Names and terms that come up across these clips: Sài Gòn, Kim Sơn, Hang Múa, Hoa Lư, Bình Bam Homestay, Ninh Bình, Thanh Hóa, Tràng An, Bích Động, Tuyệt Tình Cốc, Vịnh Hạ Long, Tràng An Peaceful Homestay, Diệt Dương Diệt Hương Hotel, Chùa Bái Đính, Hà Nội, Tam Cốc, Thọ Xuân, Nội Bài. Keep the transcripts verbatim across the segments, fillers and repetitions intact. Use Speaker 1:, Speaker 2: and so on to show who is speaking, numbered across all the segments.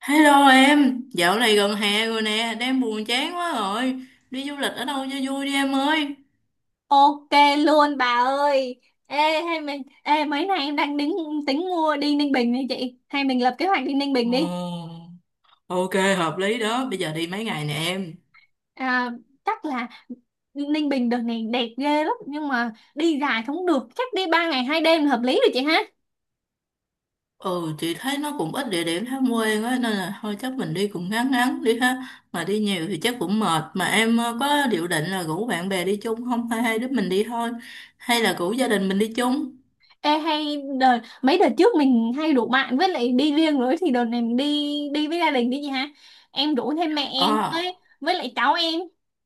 Speaker 1: Hello em, dạo này gần hè rồi nè, đang buồn chán quá rồi. Đi du lịch ở đâu cho vui đi em ơi.
Speaker 2: Ok luôn bà ơi. Ê, hay mình ê mấy nay em đang tính tính mua đi Ninh Bình đi chị. Hay mình lập kế hoạch đi Ninh Bình đi.
Speaker 1: Ồ, ok, hợp lý đó, bây giờ đi mấy ngày nè em.
Speaker 2: À, chắc là Ninh Bình đợt này đẹp ghê lắm nhưng mà đi dài không được, chắc đi ba ngày hai đêm là hợp lý rồi chị ha.
Speaker 1: Ừ, chị thấy nó cũng ít địa điểm tham quan á, nên là thôi chắc mình đi cũng ngắn ngắn đi ha. Mà đi nhiều thì chắc cũng mệt, mà em ờ, có dự định là rủ bạn bè đi chung không? Hay hai đứa mình đi thôi, hay là rủ gia đình mình đi chung?
Speaker 2: Ê, hay đợt mấy đợt trước mình hay rủ bạn với lại đi riêng rồi thì đợt này mình đi đi với gia đình đi chị ha. Em rủ thêm mẹ em
Speaker 1: Ờ,
Speaker 2: với với lại cháu em.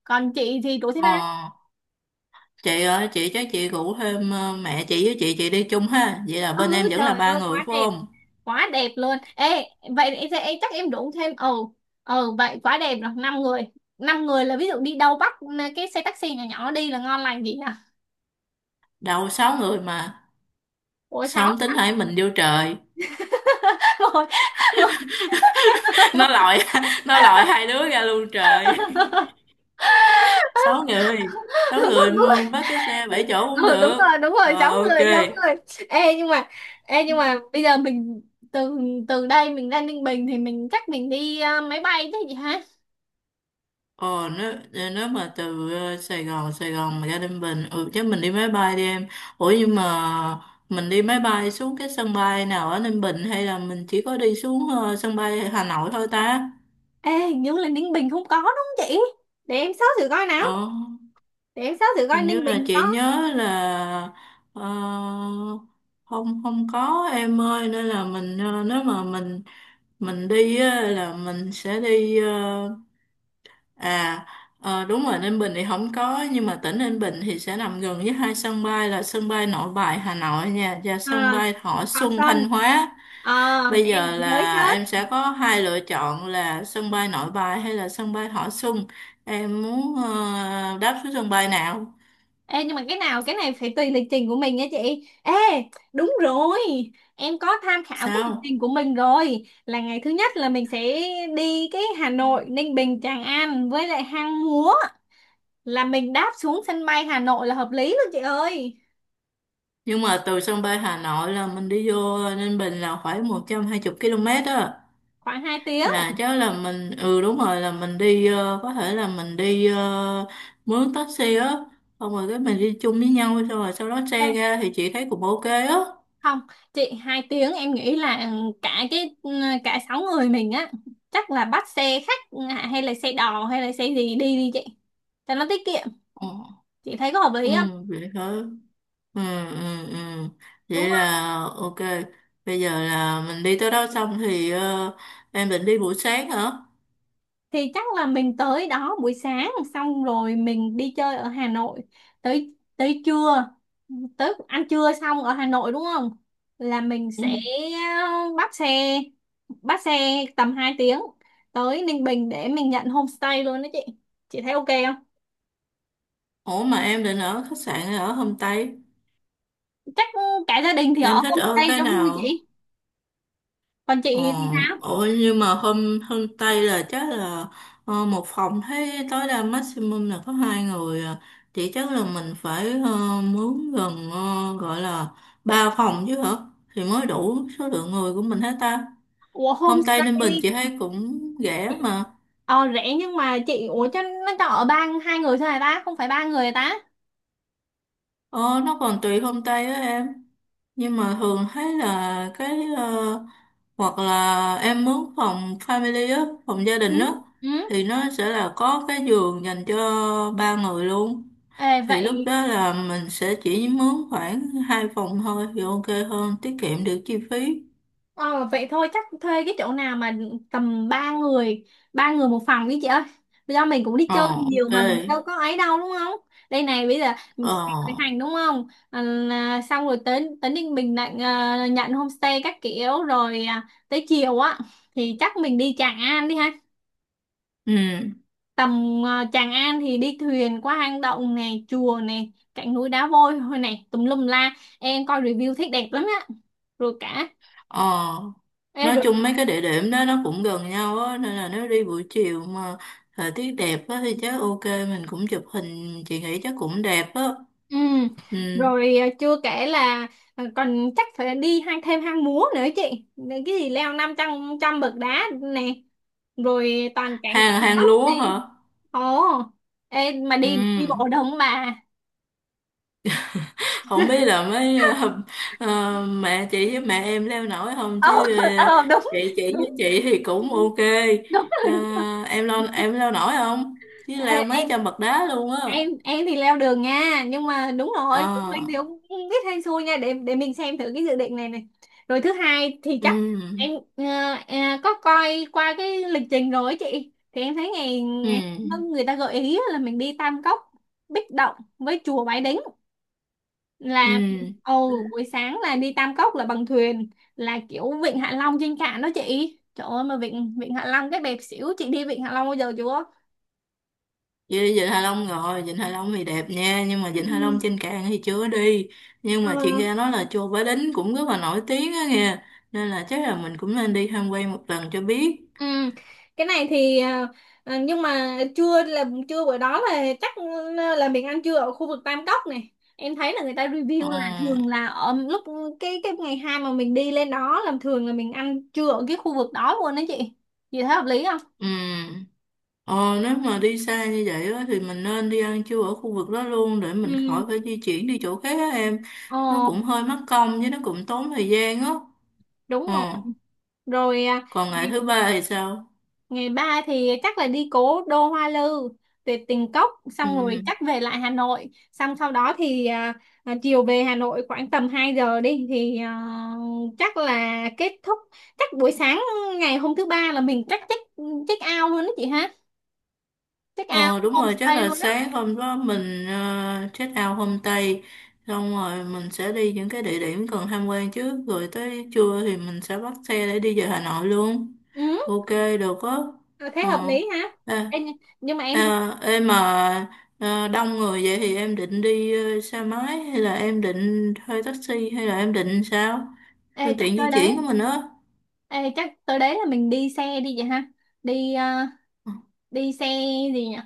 Speaker 2: Còn chị thì rủ thêm
Speaker 1: ờ.
Speaker 2: ai?
Speaker 1: Chị ơi chị chắc chị rủ thêm ờ, mẹ chị với chị chị đi chung ha, vậy là
Speaker 2: Ừ,
Speaker 1: bên em vẫn là
Speaker 2: trời
Speaker 1: ba
Speaker 2: ơi,
Speaker 1: người
Speaker 2: quá
Speaker 1: phải
Speaker 2: đẹp
Speaker 1: không?
Speaker 2: quá đẹp luôn. Ê, vậy thì em chắc em đụng thêm. Ừ ừ, vậy quá đẹp rồi. Năm người, năm người là ví dụ đi đâu bắt cái xe taxi nhỏ nhỏ đi là ngon lành gì à.
Speaker 1: Đâu sáu người mà.
Speaker 2: Ủa,
Speaker 1: Sao
Speaker 2: sáu?
Speaker 1: không tính hai mình vô trời.
Speaker 2: Rồi,
Speaker 1: Nó lòi nó lòi hai đứa ra luôn trời. Sáu người. Sáu
Speaker 2: một
Speaker 1: người
Speaker 2: người.
Speaker 1: mua- bắt cái xe bảy chỗ cũng
Speaker 2: Ừ, đúng
Speaker 1: được.
Speaker 2: rồi, đúng rồi,
Speaker 1: Rồi
Speaker 2: sáu
Speaker 1: ok.
Speaker 2: người, sáu người. Ê nhưng mà ê nhưng mà bây giờ mình từ từ đây mình ra Ninh Bình thì mình chắc mình đi ờ, máy bay chứ gì hả.
Speaker 1: Ồ, nếu, nếu mà từ ờ, Sài Gòn Sài Gòn mà ra Ninh Bình, ừ chứ mình đi máy bay đi em. Ủa nhưng mà mình đi máy bay xuống cái sân bay nào ở Ninh Bình? Hay là mình chỉ có đi xuống ờ, sân bay Hà Nội thôi ta?
Speaker 2: Ê, hình như là Ninh Bình không có, đúng không chị? Để em search thử coi nào.
Speaker 1: Ờ,
Speaker 2: Để em search thử coi
Speaker 1: hình như
Speaker 2: Ninh
Speaker 1: là
Speaker 2: Bình có.
Speaker 1: chị nhớ là, ờ, không, không có em ơi, nên là mình, ờ, nếu mà mình mình đi á, là mình sẽ đi ờ, à ờ, đúng rồi, Ninh Bình thì không có nhưng mà tỉnh Ninh Bình thì sẽ nằm gần với hai sân bay là sân bay Nội Bài Hà Nội nha và
Speaker 2: À,
Speaker 1: sân bay Thọ
Speaker 2: Thọ
Speaker 1: Xuân
Speaker 2: Xuân.
Speaker 1: Thanh Hóa.
Speaker 2: Ờ,
Speaker 1: Bây
Speaker 2: em
Speaker 1: giờ
Speaker 2: cũng mới
Speaker 1: là em
Speaker 2: search.
Speaker 1: sẽ có hai lựa chọn là sân bay Nội Bài hay là sân bay Thọ Xuân. Em muốn ờ, đáp xuống sân bay nào?
Speaker 2: Ê, nhưng mà cái nào cái này phải tùy lịch trình của mình nha chị. Ê, đúng rồi. Em có tham khảo cái lịch trình
Speaker 1: Sao.
Speaker 2: của mình rồi. Là ngày thứ nhất là mình sẽ đi cái Hà Nội, Ninh Bình, Tràng An với lại Hang Múa. Là mình đáp xuống sân bay Hà Nội là hợp lý luôn chị ơi.
Speaker 1: Nhưng mà từ sân bay Hà Nội là mình đi vô Ninh Bình là khoảng một trăm hai mươi ki lô mét á.
Speaker 2: Khoảng hai tiếng.
Speaker 1: Là chắc là mình, ừ đúng rồi, là mình đi, ờ, có thể là mình đi ờ, mướn taxi á. Xong rồi cái mình đi chung với nhau xong rồi sau đó
Speaker 2: Ê,
Speaker 1: xe ra thì chị thấy cũng ok á.
Speaker 2: không, chị, hai tiếng em nghĩ là ừ, cả cái ừ, cả sáu người mình á chắc là bắt xe khách, à, hay là xe đò hay là xe gì, đi đi chị. Cho nó tiết kiệm.
Speaker 1: Ờ.
Speaker 2: Chị thấy có hợp
Speaker 1: Ừ,
Speaker 2: lý không?
Speaker 1: vậy hả? Ừ, ừ, ừ.
Speaker 2: Đúng
Speaker 1: Vậy
Speaker 2: rồi.
Speaker 1: là ok. Bây giờ là mình đi tới đó xong thì ờ, em định đi buổi sáng hả?
Speaker 2: Thì chắc là mình tới đó buổi sáng xong rồi mình đi chơi ở Hà Nội tới tới trưa, tới ăn trưa xong ở Hà Nội đúng không? Là mình
Speaker 1: Ừ.
Speaker 2: sẽ bắt xe bắt xe tầm hai tiếng tới Ninh Bình để mình nhận homestay luôn đó chị. Chị thấy ok không?
Speaker 1: Ủa mà em định ở khách sạn hay ở homestay?
Speaker 2: Chắc cả gia đình thì
Speaker 1: Em
Speaker 2: ở
Speaker 1: thích ở
Speaker 2: homestay
Speaker 1: cái
Speaker 2: cho vui
Speaker 1: nào?
Speaker 2: chị. Còn
Speaker 1: Ờ,
Speaker 2: chị thì sao?
Speaker 1: ủa nhưng mà hôm hôm Tây là chắc là ờ, một phòng thấy tối đa maximum là có hai người à. Thì chắc là mình phải ờ, mướn gần, ờ, gọi là ba phòng chứ hả? Thì mới đủ số lượng người của mình hết ta.
Speaker 2: Ủa,
Speaker 1: Hôm Tây Ninh
Speaker 2: homestay.
Speaker 1: Bình chị thấy cũng rẻ mà.
Speaker 2: Ờ, rẻ nhưng mà chị, ủa cho nó cho ở ba, hai người thôi hả ta? Không phải ba người hả ta?
Speaker 1: Ờ, nó còn tùy hôm tây á em. Nhưng mà thường thấy là cái ờ, hoặc là em mướn phòng family á, phòng gia
Speaker 2: Ừ.
Speaker 1: đình á
Speaker 2: Ừ.
Speaker 1: thì nó sẽ là có cái giường dành cho ba người luôn.
Speaker 2: Ê,
Speaker 1: Thì lúc
Speaker 2: vậy
Speaker 1: đó là mình sẽ chỉ mướn khoảng hai phòng thôi thì ok hơn, tiết kiệm được chi phí.
Speaker 2: ờ, vậy thôi chắc thuê cái chỗ nào mà tầm ba người ba người một phòng đi chị ơi, do mình cũng đi
Speaker 1: Ờ
Speaker 2: chơi nhiều
Speaker 1: ok.
Speaker 2: mà mình đâu có ấy đâu đúng không. Đây này, bây giờ mình
Speaker 1: Ờ
Speaker 2: sẽ khởi hành, đúng không, à, là- xong rồi tới tới Ninh Bình lại ờ, nhận homestay các kiểu rồi, à, tới chiều á thì chắc mình đi Tràng An đi ha.
Speaker 1: ừ.
Speaker 2: tầm ờ, Tràng An thì đi thuyền qua hang động này, chùa này, cạnh núi đá vôi thôi này, tùm lum la. Em coi review thấy đẹp lắm á. Rồi cả.
Speaker 1: Ờ,
Speaker 2: Ê,
Speaker 1: nói
Speaker 2: rồi.
Speaker 1: chung mấy cái địa điểm đó nó cũng gần nhau á, nên là nếu đi buổi chiều mà thời tiết đẹp á thì chắc ok, mình cũng chụp hình, chị nghĩ chắc cũng đẹp á.
Speaker 2: Ừ.
Speaker 1: Ừ.
Speaker 2: Rồi, à, chưa kể là, à, còn chắc phải đi hang thêm Hang Múa nữa chị. Để cái gì leo năm trăm trăm bậc đá nè, rồi toàn cảnh
Speaker 1: Hàng
Speaker 2: Tam
Speaker 1: hàng
Speaker 2: Cốc nè.
Speaker 1: lúa hả?
Speaker 2: Ồ. Ê, mà
Speaker 1: Ừ.
Speaker 2: đi đi bộ được không bà?
Speaker 1: Không biết là mấy ờ, ờ, mẹ chị với mẹ em leo nổi không
Speaker 2: Ờ.
Speaker 1: chứ ờ,
Speaker 2: Ờ, đúng,
Speaker 1: chị chị với
Speaker 2: đúng
Speaker 1: chị thì cũng ok.
Speaker 2: đúng,
Speaker 1: Ờ,
Speaker 2: rồi, đúng rồi.
Speaker 1: em leo em leo nổi không? Chứ
Speaker 2: Ê,
Speaker 1: leo mấy
Speaker 2: em
Speaker 1: trăm bậc đá luôn á.
Speaker 2: em em thì leo đường nha, nhưng mà đúng rồi phụ
Speaker 1: Ờ.
Speaker 2: huynh thì cũng không biết hay xui nha, để để mình xem thử cái dự định này này Rồi thứ hai thì
Speaker 1: Ừ.
Speaker 2: chắc em ờ, ờ, có coi qua cái lịch trình rồi ấy chị, thì em thấy ngày, ngày
Speaker 1: Ừ.
Speaker 2: người ta gợi ý là mình đi Tam Cốc Bích Động với chùa Bái Đính,
Speaker 1: Ừ.
Speaker 2: là ồ buổi sáng là đi Tam Cốc là bằng thuyền, là kiểu vịnh Hạ Long trên cạn đó chị, trời ơi mà vịnh vịnh Hạ Long cái đẹp xỉu. Chị đi vịnh Hạ Long bao giờ chưa?
Speaker 1: Với Vịnh Hạ Long rồi, Vịnh Hạ Long thì đẹp nha, nhưng mà Vịnh Hạ Long trên cạn thì chưa đi. Nhưng mà chuyện
Speaker 2: Ừ.
Speaker 1: ra nói là chùa Bái Đính cũng rất là nổi tiếng á nghe, nên là chắc là mình cũng nên đi tham quan một lần cho biết.
Speaker 2: Ừ. Cái này thì ờ, ờ, nhưng mà trưa, là trưa bữa đó là chắc là mình ăn trưa ở khu vực Tam Cốc này, em thấy là người ta
Speaker 1: Ờ,
Speaker 2: review là thường là ở lúc cái cái ngày hai mà mình đi lên đó là thường là mình ăn trưa ở cái khu vực đó luôn đó chị. Chị thấy hợp lý không?
Speaker 1: ừ, Ờ, nếu mà đi xa như vậy á, thì mình nên đi ăn trưa ở khu vực đó luôn để mình
Speaker 2: Ừ.
Speaker 1: khỏi phải di chuyển đi chỗ khác á em. Nó cũng
Speaker 2: Ồ,
Speaker 1: hơi mất công với nó cũng tốn thời gian á.
Speaker 2: đúng
Speaker 1: Ờ,
Speaker 2: rồi. Rồi à,
Speaker 1: còn ngày thứ ba thì sao?
Speaker 2: ngày ba thì chắc là đi cố đô Hoa Lư, tuyệt tình cốc,
Speaker 1: Ừ.
Speaker 2: xong rồi chắc về lại Hà Nội, xong sau đó thì à, à, chiều về Hà Nội khoảng tầm hai giờ đi thì à, chắc là kết thúc. Chắc buổi sáng ngày hôm thứ ba là mình chắc check check out luôn đó chị ha, check out
Speaker 1: Ờ đúng rồi, chắc
Speaker 2: homestay
Speaker 1: là
Speaker 2: luôn đó.
Speaker 1: sáng hôm đó mình uh, check out homestay xong rồi mình sẽ đi những cái địa điểm cần tham quan trước rồi tới trưa thì mình sẽ bắt xe để đi về Hà Nội luôn.
Speaker 2: Ừ,
Speaker 1: Ok, được á.
Speaker 2: thế
Speaker 1: ờ
Speaker 2: hợp lý ha.
Speaker 1: à,
Speaker 2: Ê, nhưng nhưng mà em thấy-
Speaker 1: à, em mà à, đông người vậy thì em định đi ờ, xe máy hay là em định thuê taxi hay là em định sao,
Speaker 2: ê,
Speaker 1: phương
Speaker 2: chắc
Speaker 1: tiện
Speaker 2: tới
Speaker 1: di
Speaker 2: đấy
Speaker 1: chuyển của mình á?
Speaker 2: ê, chắc tới đấy là mình đi xe đi vậy ha. đi à, đi xe gì nhỉ,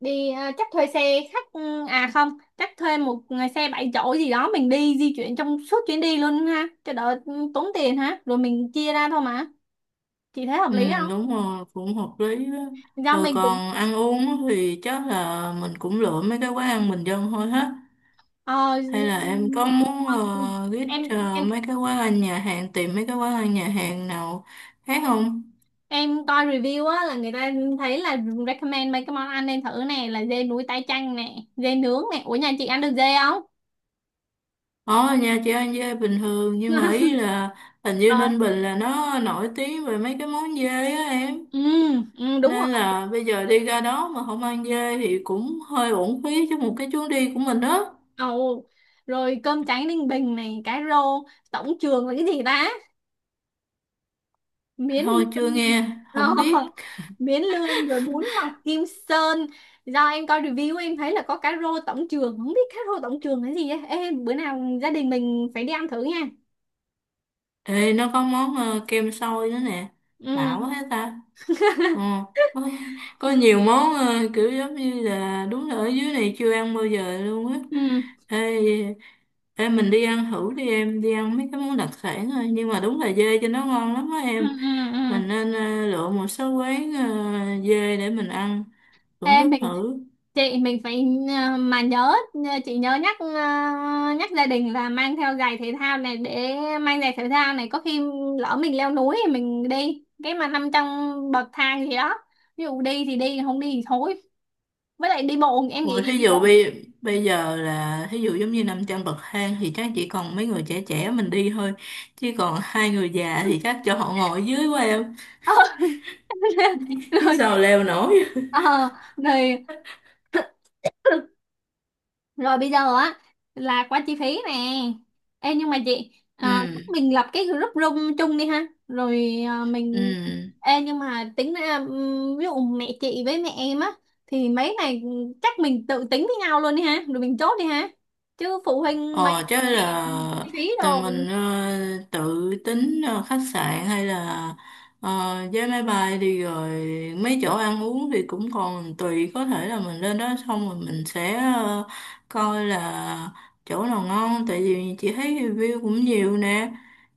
Speaker 2: đi ờ, chắc thuê xe khách, ừ, à không, chắc thuê một xe bảy chỗ gì đó, mình đi di chuyển trong suốt chuyến đi luôn ha cho đỡ ừ, tốn tiền ha, rồi mình chia ra thôi mà. Chị thấy hợp
Speaker 1: Ừ,
Speaker 2: lý không?
Speaker 1: đúng rồi, cũng hợp lý đó.
Speaker 2: Do
Speaker 1: Rồi
Speaker 2: mình cũng
Speaker 1: còn ăn uống á thì chắc là mình cũng lựa mấy cái quán ăn bình dân thôi hết.
Speaker 2: ờ,
Speaker 1: Hay là em có muốn
Speaker 2: ờ,
Speaker 1: uh, ghét
Speaker 2: em
Speaker 1: ờ,
Speaker 2: em
Speaker 1: mấy cái quán ăn nhà hàng, tìm mấy cái quán ăn nhà hàng nào khác không?
Speaker 2: em coi review á là người ta thấy là recommend mấy cái món ăn nên thử nè, là dê núi tái chanh nè, dê nướng nè, ủa nhà chị ăn được dê không?
Speaker 1: Ở nhà chị ăn dê bình thường, nhưng mà ý là hình như
Speaker 2: Rồi.
Speaker 1: Ninh Bình là nó nổi tiếng về mấy cái món dê á em.
Speaker 2: Ừ, ừ, đúng
Speaker 1: Nên
Speaker 2: rồi.
Speaker 1: là bây giờ đi ra đó mà không ăn dê thì cũng hơi uổng phí cho một cái chuyến đi của mình đó.
Speaker 2: Ồ, rồi cơm tráng ninh bình này, cá rô tổng trường là cái gì ta, miến
Speaker 1: Thôi
Speaker 2: lươn.
Speaker 1: chưa nghe,
Speaker 2: Ờ,
Speaker 1: không biết.
Speaker 2: miến lươn rồi bún mọc kim sơn. Do em coi review em thấy là có cá rô tổng trường, không biết cá rô tổng trường là gì ấy. Ê, bữa nào gia đình mình phải đi ăn thử nha.
Speaker 1: Ê, nó có món ờ, kem xôi nữa nè. Lạ quá
Speaker 2: Ừ,
Speaker 1: hết ta. Ờ, có, có nhiều món ờ, kiểu giống như là đúng là ở dưới này chưa ăn bao giờ luôn á.
Speaker 2: ừ,
Speaker 1: Ê, ê, mình đi ăn thử đi em, đi ăn mấy cái món đặc sản thôi. Nhưng mà đúng là dê cho nó ngon lắm á
Speaker 2: ừ,
Speaker 1: em.
Speaker 2: ừ, ừ.
Speaker 1: Mình nên ờ, lựa một số quán ờ, dê để mình ăn, thưởng
Speaker 2: Ê,
Speaker 1: thức
Speaker 2: mình
Speaker 1: thử.
Speaker 2: chị mình phải ờ, mà nhớ ờ, chị nhớ nhắc ờ, nhắc gia đình là mang theo giày thể thao này, để mang giày thể thao này có khi lỡ mình leo núi thì mình đi, cái mà nằm trong bậc thang gì đó, ví dụ đi thì đi, không đi thì thôi, với lại đi bộ em nghĩ
Speaker 1: Ủa,
Speaker 2: là
Speaker 1: thí
Speaker 2: đi
Speaker 1: dụ
Speaker 2: bộ.
Speaker 1: bây bây giờ là thí dụ giống như năm trăm bậc thang thì chắc chỉ còn mấy người trẻ trẻ mình đi thôi, chứ còn hai người già thì chắc cho họ ngồi dưới quá em, chứ
Speaker 2: Rồi
Speaker 1: sao leo nổi.
Speaker 2: ờ, rồi. Rồi bây giờ á là qua chi phí nè. Ê, nhưng mà chị ờ, chắc
Speaker 1: Ừ,
Speaker 2: mình lập cái group room chung đi ha rồi ờ,
Speaker 1: ừ.
Speaker 2: mình. Ê, nhưng mà tính ra ừm, ví dụ mẹ chị với mẹ em á thì mấy này chắc mình tự tính với nhau luôn đi ha rồi mình chốt đi ha, chứ phụ huynh mấy
Speaker 1: Ờ chứ
Speaker 2: cái này chi
Speaker 1: là
Speaker 2: phí đồ.
Speaker 1: tụi mình ờ, tự tính ờ, khách sạn hay là ờ, vé máy bay đi rồi mấy chỗ ăn uống thì cũng còn tùy, có thể là mình lên đó xong rồi mình sẽ ờ, coi là chỗ nào ngon, tại vì chị thấy review cũng nhiều nè,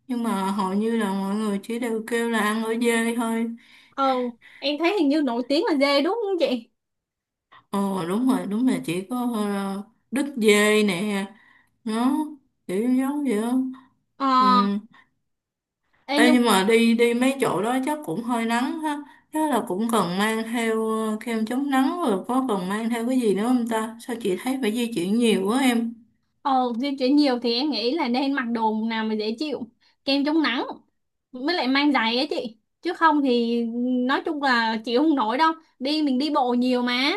Speaker 1: nhưng mà hầu như là mọi người chỉ đều kêu là ăn ở dê thôi.
Speaker 2: Ờ, em thấy hình như nổi tiếng là dê đúng không chị?
Speaker 1: Ờ đúng rồi, đúng là chỉ có ờ, đứt dê nè, nó kiểu giống vậy đó.
Speaker 2: Ờ.
Speaker 1: Ừ.
Speaker 2: Ê,
Speaker 1: Ê,
Speaker 2: nhưng.
Speaker 1: nhưng mà đi đi mấy chỗ đó chắc cũng hơi nắng ha. Chắc là cũng cần mang theo ờ, kem chống nắng, rồi có cần mang theo cái gì nữa không ta? Sao chị thấy phải di chuyển nhiều quá em?
Speaker 2: Ờ, di chuyển nhiều thì em nghĩ là nên mặc đồ nào mà dễ chịu, kem chống nắng, mới lại mang giày ấy chị. Chứ không thì nói chung là chịu không nổi đâu. Đi mình đi bộ nhiều mà.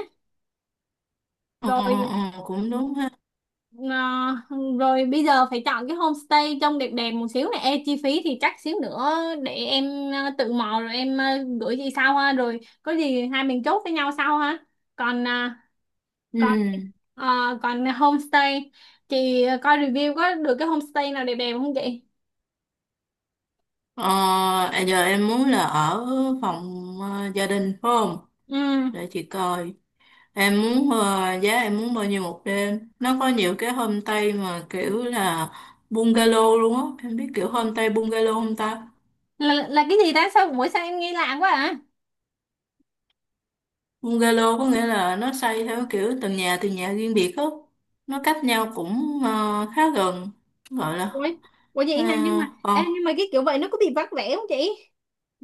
Speaker 1: Ờ, ờ,
Speaker 2: Rồi
Speaker 1: ờ, cũng đúng ha.
Speaker 2: ờ, rồi bây giờ phải chọn cái homestay trông đẹp đẹp một xíu này. Ê, chi phí thì chắc xíu nữa để em ờ, tự mò rồi em ờ, gửi chị sau ha. Rồi có gì hai mình chốt với nhau sau ha. Còn ờ,
Speaker 1: Ừ.
Speaker 2: còn ờ, còn homestay, chị coi review có được cái homestay nào đẹp đẹp không chị?
Speaker 1: Ờ, à, giờ em muốn là ở phòng ờ, gia đình phải không?
Speaker 2: Ừ.
Speaker 1: Để chị coi. Em muốn ờ, giá em muốn bao nhiêu một đêm? Nó có nhiều cái homestay mà kiểu là bungalow luôn á. Em biết kiểu homestay bungalow không ta?
Speaker 2: là là cái gì ta, sao mỗi sao em nghe lạ quá à.
Speaker 1: Bungalow có nghĩa là nó xây theo kiểu từng nhà từng nhà riêng biệt á. Nó cách nhau cũng ờ, khá gần. Gọi là
Speaker 2: Ủa, ủa,
Speaker 1: ờ,
Speaker 2: vậy hả? Nhưng mà
Speaker 1: còn
Speaker 2: em nhưng mà cái kiểu vậy nó có bị vắt vẻ không chị?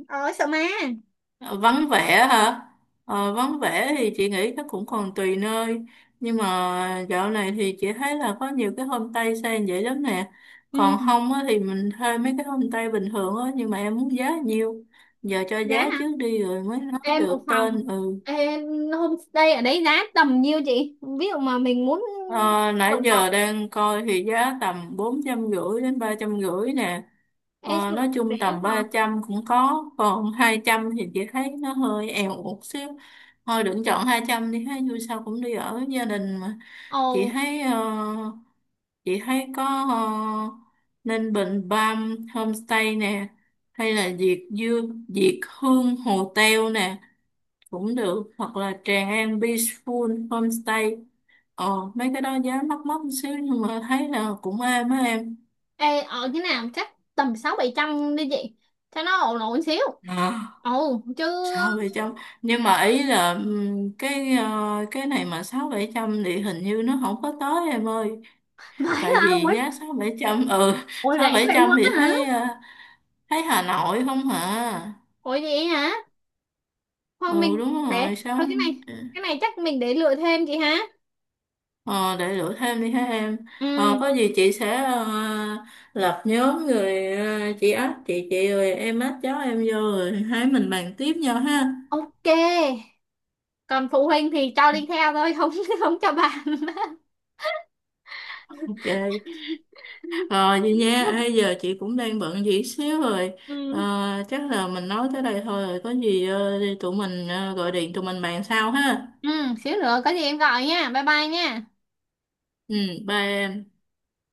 Speaker 2: Ờ, sợ ma.
Speaker 1: vắng vẻ hả? Ờ, vắng vẻ thì chị nghĩ chắc cũng còn tùy nơi. Nhưng mà dạo này thì chị thấy là có nhiều cái homestay xây vậy lắm nè. Còn
Speaker 2: Ừ.
Speaker 1: không á, thì mình thuê mấy cái homestay bình thường á. Nhưng mà em muốn giá nhiêu? Giờ cho
Speaker 2: Giá
Speaker 1: giá
Speaker 2: hả?
Speaker 1: trước đi rồi mới nói
Speaker 2: Em một
Speaker 1: được
Speaker 2: phòng
Speaker 1: tên. Ừ.
Speaker 2: em homestay ở đấy giá tầm nhiêu chị? Ví dụ mà mình muốn
Speaker 1: Ờ, nãy
Speaker 2: rộng rộng,
Speaker 1: giờ đang coi thì giá tầm bốn trăm rưỡi đến ba trăm rưỡi nè,
Speaker 2: em
Speaker 1: ờ,
Speaker 2: sao,
Speaker 1: nói
Speaker 2: rẻ
Speaker 1: chung
Speaker 2: quá
Speaker 1: tầm
Speaker 2: hả?
Speaker 1: ba trăm cũng có, còn hai trăm thì chị thấy nó hơi èo một xíu. Thôi đừng chọn hai trăm đi ha, dù sao cũng đi ở gia đình mà.
Speaker 2: Ồ.
Speaker 1: chị thấy ờ, chị thấy có ờ, nên Bình Bam Homestay nè, hay là Diệt Dương Diệt Hương Hotel nè cũng được, hoặc là Tràng An Peaceful Homestay. Ờ, mấy cái đó giá mắc mắc một xíu nhưng mà thấy là cũng êm á em.
Speaker 2: Ê, ở cái nào chắc tầm sáu bảy trăm đi chị cho nó ổn ổn xíu.
Speaker 1: À,
Speaker 2: Ồ chứ.
Speaker 1: sáu bảy trăm, nhưng mà ý là ừm, cái ờ, cái này mà sáu bảy trăm thì hình như nó không có tới em ơi,
Speaker 2: Vậy
Speaker 1: tại
Speaker 2: hả?
Speaker 1: vì
Speaker 2: Ủa,
Speaker 1: giá sáu bảy trăm ừ,
Speaker 2: ủa,
Speaker 1: sáu
Speaker 2: rẻ
Speaker 1: bảy
Speaker 2: vậy
Speaker 1: trăm
Speaker 2: luôn
Speaker 1: thì
Speaker 2: á hả,
Speaker 1: thấy ờ, thấy Hà Nội không hả.
Speaker 2: ủa vậy hả? Thôi
Speaker 1: Ừ
Speaker 2: mình
Speaker 1: đúng
Speaker 2: để,
Speaker 1: rồi sáu.
Speaker 2: thôi cái này cái này chắc mình để lựa thêm chị hả.
Speaker 1: ờ, để lựa thêm đi ha em.
Speaker 2: Ừ.
Speaker 1: Ờ, có gì chị sẽ ờ, lập nhóm rồi ờ, chị ách chị chị rồi em ách cháu em vô rồi hai mình bàn tiếp nhau ha.
Speaker 2: Ok. Còn phụ huynh thì cho đi theo thôi, không không cho bạn.
Speaker 1: Ok, rồi vậy nha. Ê, giờ chị cũng đang bận gì xíu rồi.
Speaker 2: Ừ
Speaker 1: Ờ, chắc là mình nói tới đây thôi rồi, có gì ờ, tụi mình ờ, gọi điện tụi mình bàn sau ha.
Speaker 2: ừ, xíu nữa có gì em gọi nha, bye bye nha.
Speaker 1: Ừ, bye em.